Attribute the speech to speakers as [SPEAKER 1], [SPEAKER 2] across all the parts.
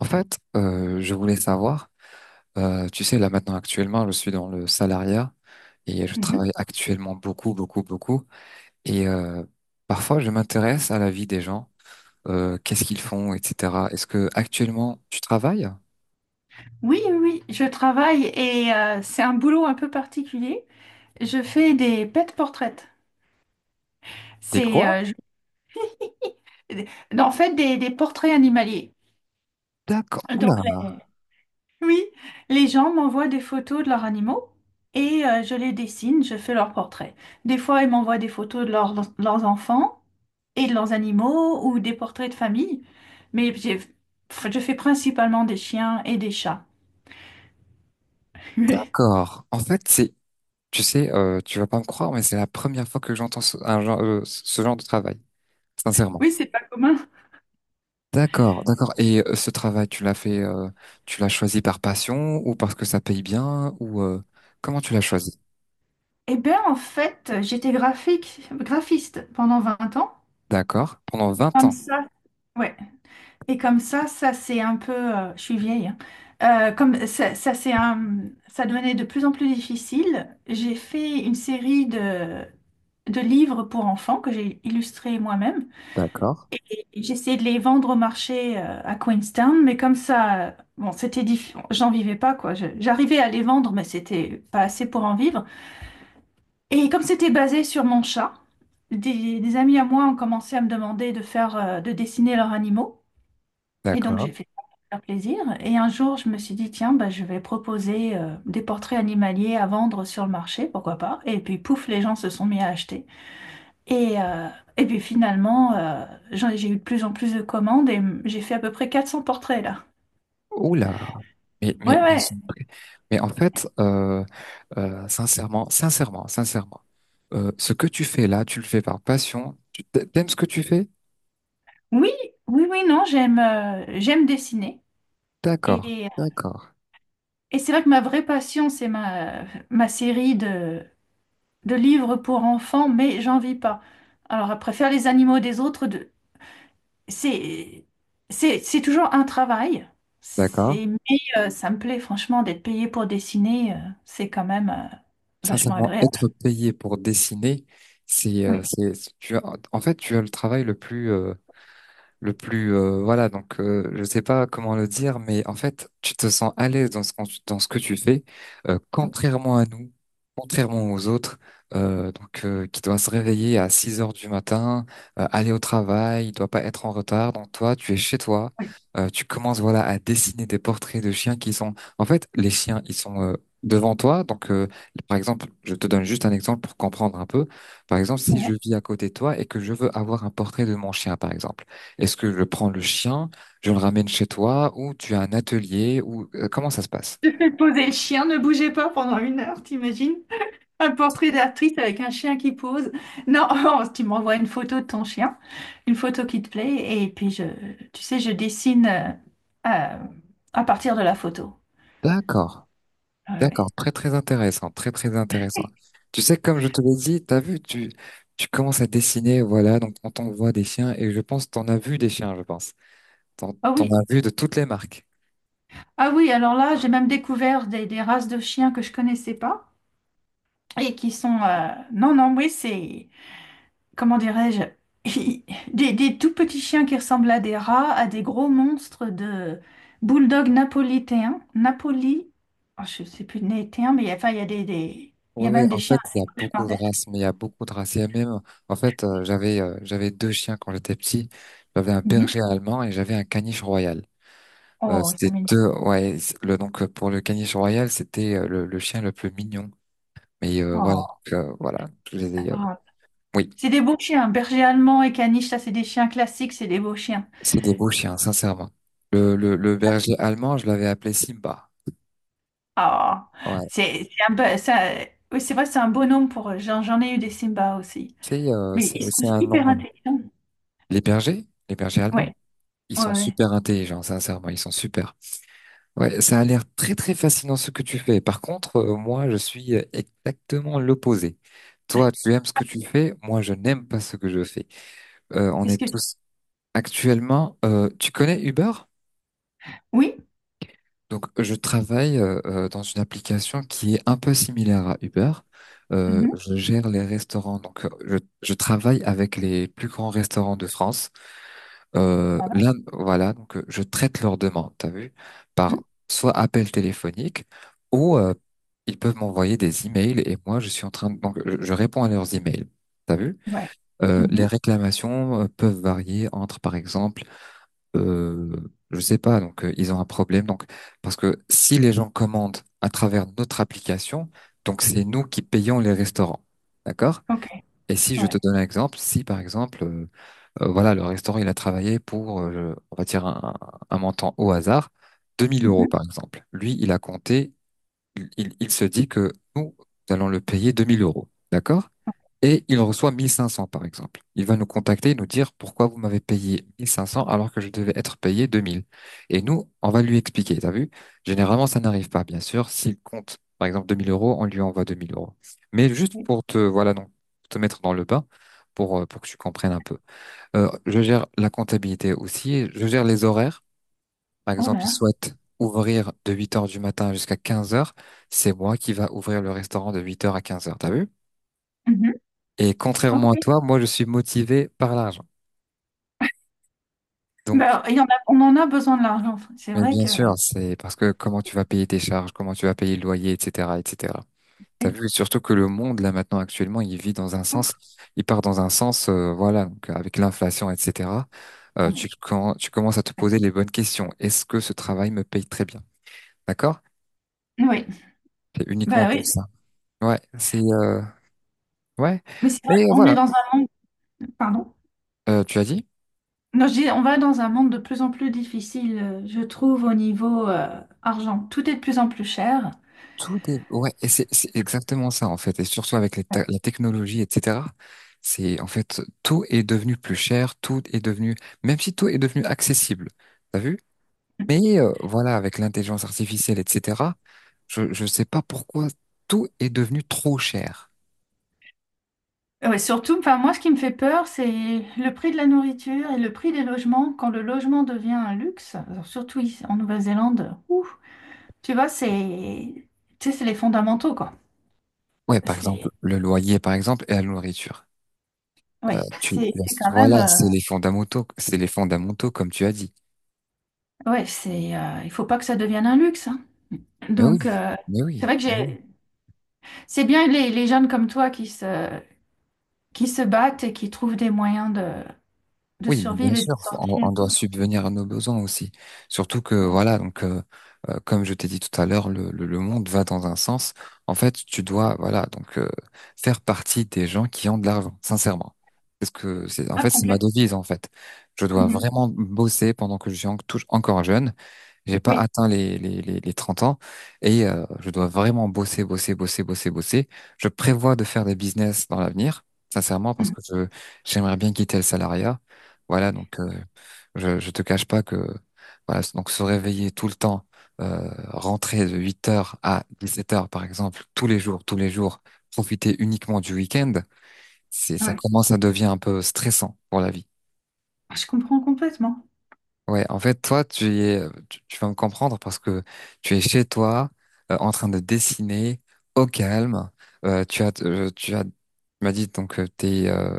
[SPEAKER 1] En fait, je voulais savoir, tu sais, là maintenant actuellement, je suis dans le salariat et je travaille
[SPEAKER 2] Mhm.
[SPEAKER 1] actuellement beaucoup, beaucoup, beaucoup. Et parfois, je m'intéresse à la vie des gens, qu'est-ce qu'ils font, etc. Est-ce que actuellement tu travailles?
[SPEAKER 2] Oui, oui, oui, je travaille et c'est un boulot un peu particulier. Je fais des pet portraits.
[SPEAKER 1] T'es
[SPEAKER 2] C'est
[SPEAKER 1] quoi?
[SPEAKER 2] en fait des portraits animaliers.
[SPEAKER 1] D'accord. Oula,
[SPEAKER 2] Donc, les- oui, les gens m'envoient des photos de leurs animaux et je les dessine, je fais leurs portraits. Des fois, ils m'envoient des photos de leurs enfants et de leurs animaux ou des portraits de famille. Mais j'ai- je fais principalement des chiens et des chats.
[SPEAKER 1] d'accord. En fait, c'est, tu sais, tu vas pas me croire, mais c'est la première fois que j'entends ce, un genre, ce genre de travail, sincèrement.
[SPEAKER 2] Oui, c'est pas commun.
[SPEAKER 1] D'accord, d'accord. Et ce travail, tu l'as fait, tu l'as choisi par passion ou parce que ça paye bien ou comment tu l'as choisi?
[SPEAKER 2] Eh bien, en fait, j'étais graphiste pendant 20 ans.
[SPEAKER 1] D'accord. Pendant vingt
[SPEAKER 2] Comme
[SPEAKER 1] ans.
[SPEAKER 2] ça, ouais. Et comme ça c'est un peu, je suis vieille, hein. Comme ça, ça c'est un, Ça devenait de plus en plus difficile. J'ai fait une série de livres pour enfants que j'ai illustrés moi-même.
[SPEAKER 1] D'accord,
[SPEAKER 2] Et j'ai essayé de les vendre au marché à Queenstown, mais comme ça, bon, c'était difficile. J'en vivais pas, quoi. J'arrivais à les vendre, mais c'était pas assez pour en vivre. Et comme c'était basé sur mon chat, des amis à moi ont commencé à me demander de faire, de dessiner leurs animaux. Et donc
[SPEAKER 1] d'accord.
[SPEAKER 2] j'ai fait ça pour faire plaisir. Et un jour, je me suis dit, tiens, bah, je vais proposer des portraits animaliers à vendre sur le marché, pourquoi pas. Et puis pouf, les gens se sont mis à acheter. Et, euh, et puis finalement, j'ai eu de plus en plus de commandes et j'ai fait à peu près 400 portraits là.
[SPEAKER 1] Oula. Mais mais
[SPEAKER 2] Ouais,
[SPEAKER 1] mais,
[SPEAKER 2] ouais.
[SPEAKER 1] c'est vrai. Mais en fait, sincèrement, sincèrement, sincèrement, ce que tu fais là, tu le fais par passion. T'aimes ce que tu fais?
[SPEAKER 2] Oui, oui, oui, non, j'aime j'aime dessiner.
[SPEAKER 1] D'accord,
[SPEAKER 2] Et
[SPEAKER 1] d'accord,
[SPEAKER 2] Et c'est là que ma vraie passion, c'est ma série de livres pour enfants, mais j'en vis pas. Alors, après, faire les animaux des autres, c'est, c'est toujours un travail.
[SPEAKER 1] d'accord.
[SPEAKER 2] C'est, mais Ça me plaît, franchement, d'être payé pour dessiner, c'est quand même vachement
[SPEAKER 1] Sincèrement,
[SPEAKER 2] agréable.
[SPEAKER 1] être payé pour dessiner, c'est euh,
[SPEAKER 2] Oui,
[SPEAKER 1] c'est tu as, en fait tu as le travail le plus voilà donc je sais pas comment le dire mais en fait tu te sens à l'aise dans dans ce que tu fais
[SPEAKER 2] oui,
[SPEAKER 1] contrairement à nous, contrairement aux autres, donc qui doit se réveiller à 6 heures du matin, aller au travail, il doit pas être en retard, donc toi tu es chez toi, tu commences, voilà, à dessiner des portraits de chiens qui sont, en fait les chiens ils sont, devant toi, donc par exemple je te donne juste un exemple pour comprendre un peu. Par exemple si je
[SPEAKER 2] oui.
[SPEAKER 1] vis à côté de toi et que je veux avoir un portrait de mon chien, par exemple, est-ce que je prends le chien, je le ramène chez toi, ou tu as un atelier, ou comment ça se passe?
[SPEAKER 2] Ouais. Poser le chien, ne bougez pas pendant une heure, t'imagines? Un portrait d'actrice avec un chien qui pose. Non, tu m'envoies une photo de ton chien, une photo qui te plaît, et puis tu sais, je dessine euh, à partir de la photo.
[SPEAKER 1] D'accord,
[SPEAKER 2] Ah ouais.
[SPEAKER 1] d'accord, très très intéressant, très très intéressant. Tu sais, comme je te l'ai dit, t'as vu, tu commences à dessiner, voilà, donc on t'envoie des chiens, et je pense t'en as vu des chiens, je pense. T'en
[SPEAKER 2] Ah
[SPEAKER 1] t'en
[SPEAKER 2] oui,
[SPEAKER 1] as vu de toutes les marques.
[SPEAKER 2] ah oui, alors là, j'ai même découvert des races de chiens que je connaissais pas et qui sont, Non, non, oui, c'est, comment dirais-je, des tout petits chiens qui ressemblent à des rats, à des gros monstres de bulldog napolitain, Napoli, oh, je sais plus néitain, mais enfin il y a il y
[SPEAKER 1] Oui,
[SPEAKER 2] a
[SPEAKER 1] oui,
[SPEAKER 2] même des
[SPEAKER 1] en
[SPEAKER 2] chiens
[SPEAKER 1] fait, il y a beaucoup
[SPEAKER 2] Schmardes.
[SPEAKER 1] de races, mais il y a beaucoup de races. Il y a même, en fait, j'avais j'avais deux chiens quand j'étais petit. J'avais un
[SPEAKER 2] Mhm.
[SPEAKER 1] berger allemand et j'avais un caniche royal.
[SPEAKER 2] Oh, ils sont
[SPEAKER 1] C'était
[SPEAKER 2] mignons.
[SPEAKER 1] deux, ouais, le, donc pour le caniche royal, c'était le, chien le plus mignon. Mais voilà,
[SPEAKER 2] Oh,
[SPEAKER 1] donc, voilà, je les ai,
[SPEAKER 2] adorable.
[SPEAKER 1] oui,
[SPEAKER 2] C'est des beaux chiens, berger allemand et caniche, ça c'est des chiens classiques, c'est des beaux chiens.
[SPEAKER 1] c'est des beaux chiens, sincèrement. Le berger allemand, je l'avais appelé Simba.
[SPEAKER 2] Oh,
[SPEAKER 1] Ouais,
[SPEAKER 2] c'est un peu- ça, oui, c'est vrai, c'est un bonhomme pour eux. J'en ai eu des Simba aussi,
[SPEAKER 1] c'est euh,
[SPEAKER 2] mais
[SPEAKER 1] c'est
[SPEAKER 2] ils sont
[SPEAKER 1] c'est un
[SPEAKER 2] hyper
[SPEAKER 1] nom.
[SPEAKER 2] intelligents.
[SPEAKER 1] Les bergers allemands,
[SPEAKER 2] Ouais,
[SPEAKER 1] ils
[SPEAKER 2] ouais,
[SPEAKER 1] sont
[SPEAKER 2] ouais.
[SPEAKER 1] super intelligents, sincèrement, ils sont super. Ouais, ça a l'air très très fascinant ce que tu fais. Par contre, moi, je suis exactement l'opposé. Toi, tu aimes ce que tu fais, moi, je n'aime pas ce que je fais. On
[SPEAKER 2] Qu'est-ce
[SPEAKER 1] est
[SPEAKER 2] que tu-
[SPEAKER 1] tous. Actuellement, tu connais Uber?
[SPEAKER 2] Oui.
[SPEAKER 1] Donc, je travaille dans une application qui est un peu similaire à Uber.
[SPEAKER 2] Mhm.
[SPEAKER 1] Je gère les restaurants, donc je travaille avec les plus grands restaurants de France. Là, voilà, donc je traite leurs demandes, t'as vu,
[SPEAKER 2] Mhm.
[SPEAKER 1] par soit appel téléphonique ou ils peuvent m'envoyer des emails et moi, je suis en train de, donc je réponds à leurs emails, t'as vu.
[SPEAKER 2] Ouais.
[SPEAKER 1] Les
[SPEAKER 2] Mhm.
[SPEAKER 1] réclamations peuvent varier entre, par exemple, euh, je sais pas. Donc, ils ont un problème. Donc, parce que si les gens commandent à travers notre application, donc c'est nous qui payons les restaurants, d'accord?
[SPEAKER 2] OK.
[SPEAKER 1] Et si je te
[SPEAKER 2] Ouais.
[SPEAKER 1] donne un exemple, si par exemple, voilà, le restaurant il a travaillé pour, on va dire un montant au hasard, 2000 euros
[SPEAKER 2] Mhm.
[SPEAKER 1] par exemple. Lui, il a compté, il se dit que nous allons le payer 2000 euros, d'accord? Et il reçoit 1500, par exemple. Il va nous contacter et nous dire pourquoi vous m'avez payé 1500 alors que je devais être payé 2000. Et nous, on va lui expliquer, t'as vu? Généralement, ça n'arrive pas, bien sûr. S'il compte, par exemple, 2000 euros, on lui envoie 2000 euros. Mais juste
[SPEAKER 2] Oui.
[SPEAKER 1] pour te, voilà, donc, te mettre dans le bain, pour que tu comprennes un peu. Je gère la comptabilité aussi, je gère les horaires. Par
[SPEAKER 2] Oh
[SPEAKER 1] exemple, il
[SPEAKER 2] là.
[SPEAKER 1] souhaite ouvrir de 8 heures du matin jusqu'à 15 heures. C'est moi qui va ouvrir le restaurant de 8 heures à 15 heures. T'as vu?
[SPEAKER 2] Mhm.
[SPEAKER 1] Et contrairement à
[SPEAKER 2] OK.
[SPEAKER 1] toi, moi, je suis motivé par l'argent. Donc,
[SPEAKER 2] Ben, il y en a, on en a besoin de l'argent. C'est
[SPEAKER 1] mais
[SPEAKER 2] vrai
[SPEAKER 1] bien
[SPEAKER 2] que.
[SPEAKER 1] sûr, c'est parce que comment tu vas payer tes charges, comment tu vas payer le loyer, etc., etc. T'as
[SPEAKER 2] Oui.
[SPEAKER 1] vu? Surtout que le monde, là, maintenant, actuellement, il vit dans un
[SPEAKER 2] Ouf.
[SPEAKER 1] sens, il part dans un sens, voilà, donc, avec l'inflation, etc.
[SPEAKER 2] Ah,
[SPEAKER 1] Tu,
[SPEAKER 2] mais-
[SPEAKER 1] tu commences à te poser les bonnes questions. Est-ce que ce travail me paye très bien? D'accord?
[SPEAKER 2] Oui.
[SPEAKER 1] C'est uniquement
[SPEAKER 2] Ben
[SPEAKER 1] pour
[SPEAKER 2] oui.
[SPEAKER 1] ça. Ouais, c'est ouais,
[SPEAKER 2] Mais c'est vrai,
[SPEAKER 1] mais
[SPEAKER 2] on est
[SPEAKER 1] voilà,
[SPEAKER 2] dans un monde. Pardon.
[SPEAKER 1] tu as dit,
[SPEAKER 2] Non, je dis, on va dans un monde de plus en plus difficile, je trouve, au niveau argent. Tout est de plus en plus cher.
[SPEAKER 1] tout est, ouais, et c'est exactement ça en fait, et surtout avec
[SPEAKER 2] Ouais.
[SPEAKER 1] la technologie, etc. C'est en fait tout est devenu plus cher, tout est devenu, même si tout est devenu accessible. T'as vu? Mais voilà, avec l'intelligence artificielle, etc., je sais pas pourquoi tout est devenu trop cher.
[SPEAKER 2] Ouais, surtout, enfin, moi, ce qui me fait peur, c'est le prix de la nourriture et le prix des logements. Quand le logement devient un luxe, alors surtout ici, en Nouvelle-Zélande, ouf. Tu vois, c'est tu sais, c'est les fondamentaux, quoi.
[SPEAKER 1] Ouais, par exemple,
[SPEAKER 2] C'est
[SPEAKER 1] le loyer, par exemple, et la nourriture.
[SPEAKER 2] Ouais,
[SPEAKER 1] Tu,
[SPEAKER 2] c'est quand
[SPEAKER 1] voilà,
[SPEAKER 2] même
[SPEAKER 1] c'est les fondamentaux, comme tu as dit.
[SPEAKER 2] ouais, c'est il faut pas que ça devienne un luxe, hein.
[SPEAKER 1] Mais
[SPEAKER 2] Donc
[SPEAKER 1] oui, mais
[SPEAKER 2] c'est
[SPEAKER 1] oui.
[SPEAKER 2] vrai que j'ai c'est bien les jeunes comme toi qui se battent et qui trouvent des moyens de
[SPEAKER 1] Oui, mais bien
[SPEAKER 2] survivre et de
[SPEAKER 1] sûr, on,
[SPEAKER 2] sortir.
[SPEAKER 1] on doit subvenir à nos besoins aussi. Surtout que voilà, donc comme je t'ai dit tout à l'heure, le monde va dans un sens. En fait, tu dois voilà donc faire partie des gens qui ont de l'argent, sincèrement. Parce que c'est en
[SPEAKER 2] Ah,
[SPEAKER 1] fait c'est ma
[SPEAKER 2] complète.
[SPEAKER 1] devise en fait. Je dois
[SPEAKER 2] Mhm.
[SPEAKER 1] vraiment bosser pendant que je suis encore jeune. J'ai pas
[SPEAKER 2] Oui.
[SPEAKER 1] atteint les 30 ans et je dois vraiment bosser, bosser, bosser, bosser, bosser. Je prévois de faire des business dans l'avenir, sincèrement, parce
[SPEAKER 2] Mhm.
[SPEAKER 1] que j'aimerais bien quitter le salariat. Voilà, donc je te cache pas que voilà, donc se réveiller tout le temps, rentrer de 8 heures à 17 heures, par exemple, tous les jours, profiter uniquement du week-end, ça
[SPEAKER 2] Ouais.
[SPEAKER 1] commence à devenir un peu stressant pour la vie.
[SPEAKER 2] Je comprends complètement.
[SPEAKER 1] Ouais, en fait, toi, tu y es, tu vas me comprendre parce que tu es chez toi, en train de dessiner au calme. Tu as, tu m'as dit donc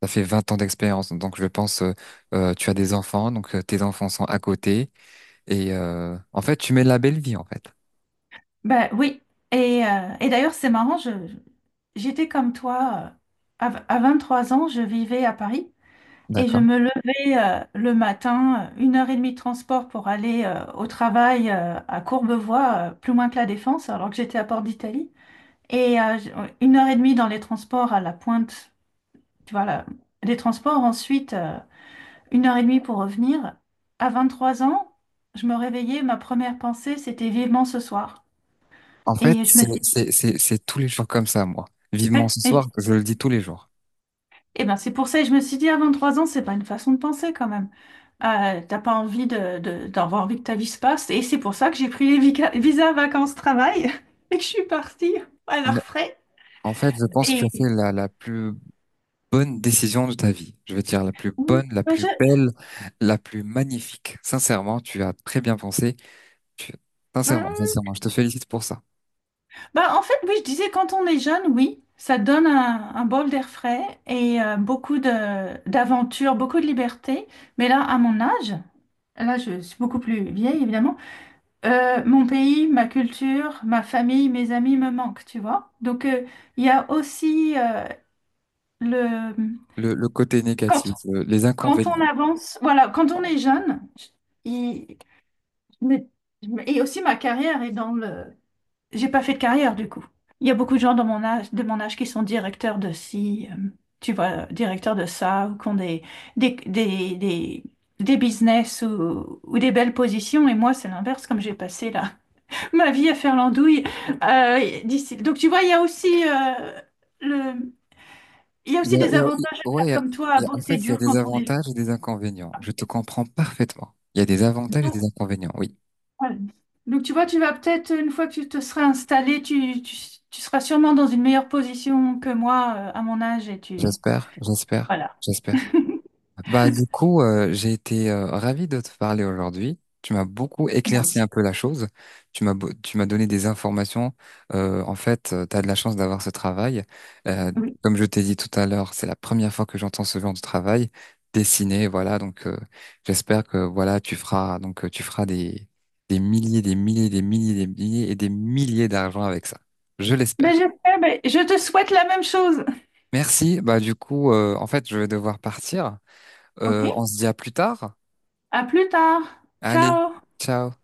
[SPEAKER 1] t'as fait 20 ans d'expérience, donc je pense, tu as des enfants, donc tes enfants sont à côté et en fait, tu mets la belle vie en fait.
[SPEAKER 2] Bah oui. Et d'ailleurs, c'est marrant, j'étais comme toi, à trois ans, je vivais à Paris. Et je
[SPEAKER 1] D'accord.
[SPEAKER 2] me levais le matin, une heure et demie de transport pour aller au travail à Courbevoie, plus loin que la Défense, alors que j'étais à Port d'Italie. Et euh, j- une heure et demie dans les transports à la pointe, tu vois, là, des transports. Ensuite, une heure et demie pour revenir. À 23 ans, je me réveillais, ma première pensée, c'était vivement ce soir.
[SPEAKER 1] En fait,
[SPEAKER 2] Et je me
[SPEAKER 1] c'est,
[SPEAKER 2] dis,
[SPEAKER 1] c'est, c'est, c'est tous les jours comme ça, moi. Vivement ce
[SPEAKER 2] mais
[SPEAKER 1] soir, je le dis tous les jours.
[SPEAKER 2] eh ben, c'est pour ça que je me suis dit, à 23 ans, c'est pas une façon de penser quand même. T'as pas envie d'avoir envie que ta vie se passe. Et c'est pour ça que j'ai pris les visas vacances-travail et que je suis partie à leurs
[SPEAKER 1] Bon,
[SPEAKER 2] frais.
[SPEAKER 1] en fait, je pense que tu as
[SPEAKER 2] Et
[SPEAKER 1] fait la plus bonne décision de ta vie. Je veux dire la plus
[SPEAKER 2] oui,
[SPEAKER 1] bonne, la
[SPEAKER 2] bah,
[SPEAKER 1] plus
[SPEAKER 2] je-
[SPEAKER 1] belle, la plus magnifique. Sincèrement, tu as très bien pensé. Tu- Sincèrement,
[SPEAKER 2] bah,
[SPEAKER 1] sincèrement, je te félicite pour ça.
[SPEAKER 2] Bah, en fait, oui, je disais, quand on est jeune, oui, ça donne un bol d'air frais et beaucoup d'aventures, beaucoup de liberté. Mais là, à mon âge, là, je suis beaucoup plus vieille, évidemment. Mon pays, ma culture, ma famille, mes amis me manquent, tu vois. Donc, il y a aussi le...
[SPEAKER 1] Le côté
[SPEAKER 2] Quand,
[SPEAKER 1] négatif, les
[SPEAKER 2] Quand on
[SPEAKER 1] inconvénients.
[SPEAKER 2] avance, voilà, quand on est jeune, il- mais- et aussi ma carrière est dans le... J'ai pas fait de carrière, du coup. Il y a beaucoup de gens de mon âge qui sont directeurs de ci, tu vois, directeurs de ça, ou qui ont des, des, des, des business ou des belles positions. Et moi, c'est l'inverse, comme j'ai passé là ma vie à faire l'andouille. Donc tu vois, il y a aussi le, il y a
[SPEAKER 1] Il
[SPEAKER 2] aussi
[SPEAKER 1] y a,
[SPEAKER 2] des
[SPEAKER 1] il y a- il-
[SPEAKER 2] avantages à
[SPEAKER 1] Ouais,
[SPEAKER 2] faire comme toi, à
[SPEAKER 1] en fait,
[SPEAKER 2] bosser
[SPEAKER 1] il y a
[SPEAKER 2] dur
[SPEAKER 1] des
[SPEAKER 2] quand on est
[SPEAKER 1] avantages et des inconvénients. Je te comprends parfaitement. Il y a des
[SPEAKER 2] jeune.
[SPEAKER 1] avantages et des
[SPEAKER 2] Donc,
[SPEAKER 1] inconvénients. Oui,
[SPEAKER 2] voilà. Donc, tu vois, tu vas peut-être une fois que tu te seras installé, tu seras sûrement dans une meilleure position que moi à mon âge et tu
[SPEAKER 1] j'espère, j'espère,
[SPEAKER 2] voilà,
[SPEAKER 1] j'espère. Bah, du coup, j'ai été ravi de te parler aujourd'hui. Tu m'as beaucoup
[SPEAKER 2] moi
[SPEAKER 1] éclairci un
[SPEAKER 2] aussi.
[SPEAKER 1] peu la chose. Tu m'as donné des informations. En fait, tu as de la chance d'avoir ce travail. Euh,
[SPEAKER 2] Oui.
[SPEAKER 1] Comme je t'ai dit tout à l'heure, c'est la première fois que j'entends ce genre de travail dessiné. Voilà, donc j'espère que voilà, tu feras donc tu feras des milliers, des milliers, des milliers, des milliers et des milliers d'argent avec ça. Je
[SPEAKER 2] Ben,
[SPEAKER 1] l'espère.
[SPEAKER 2] j'espère, ben, je te souhaite la même chose.
[SPEAKER 1] Merci. Bah, du coup, en fait, je vais devoir partir.
[SPEAKER 2] OK?
[SPEAKER 1] On se dit à plus tard.
[SPEAKER 2] À plus tard.
[SPEAKER 1] Allez,
[SPEAKER 2] Ciao.
[SPEAKER 1] ciao.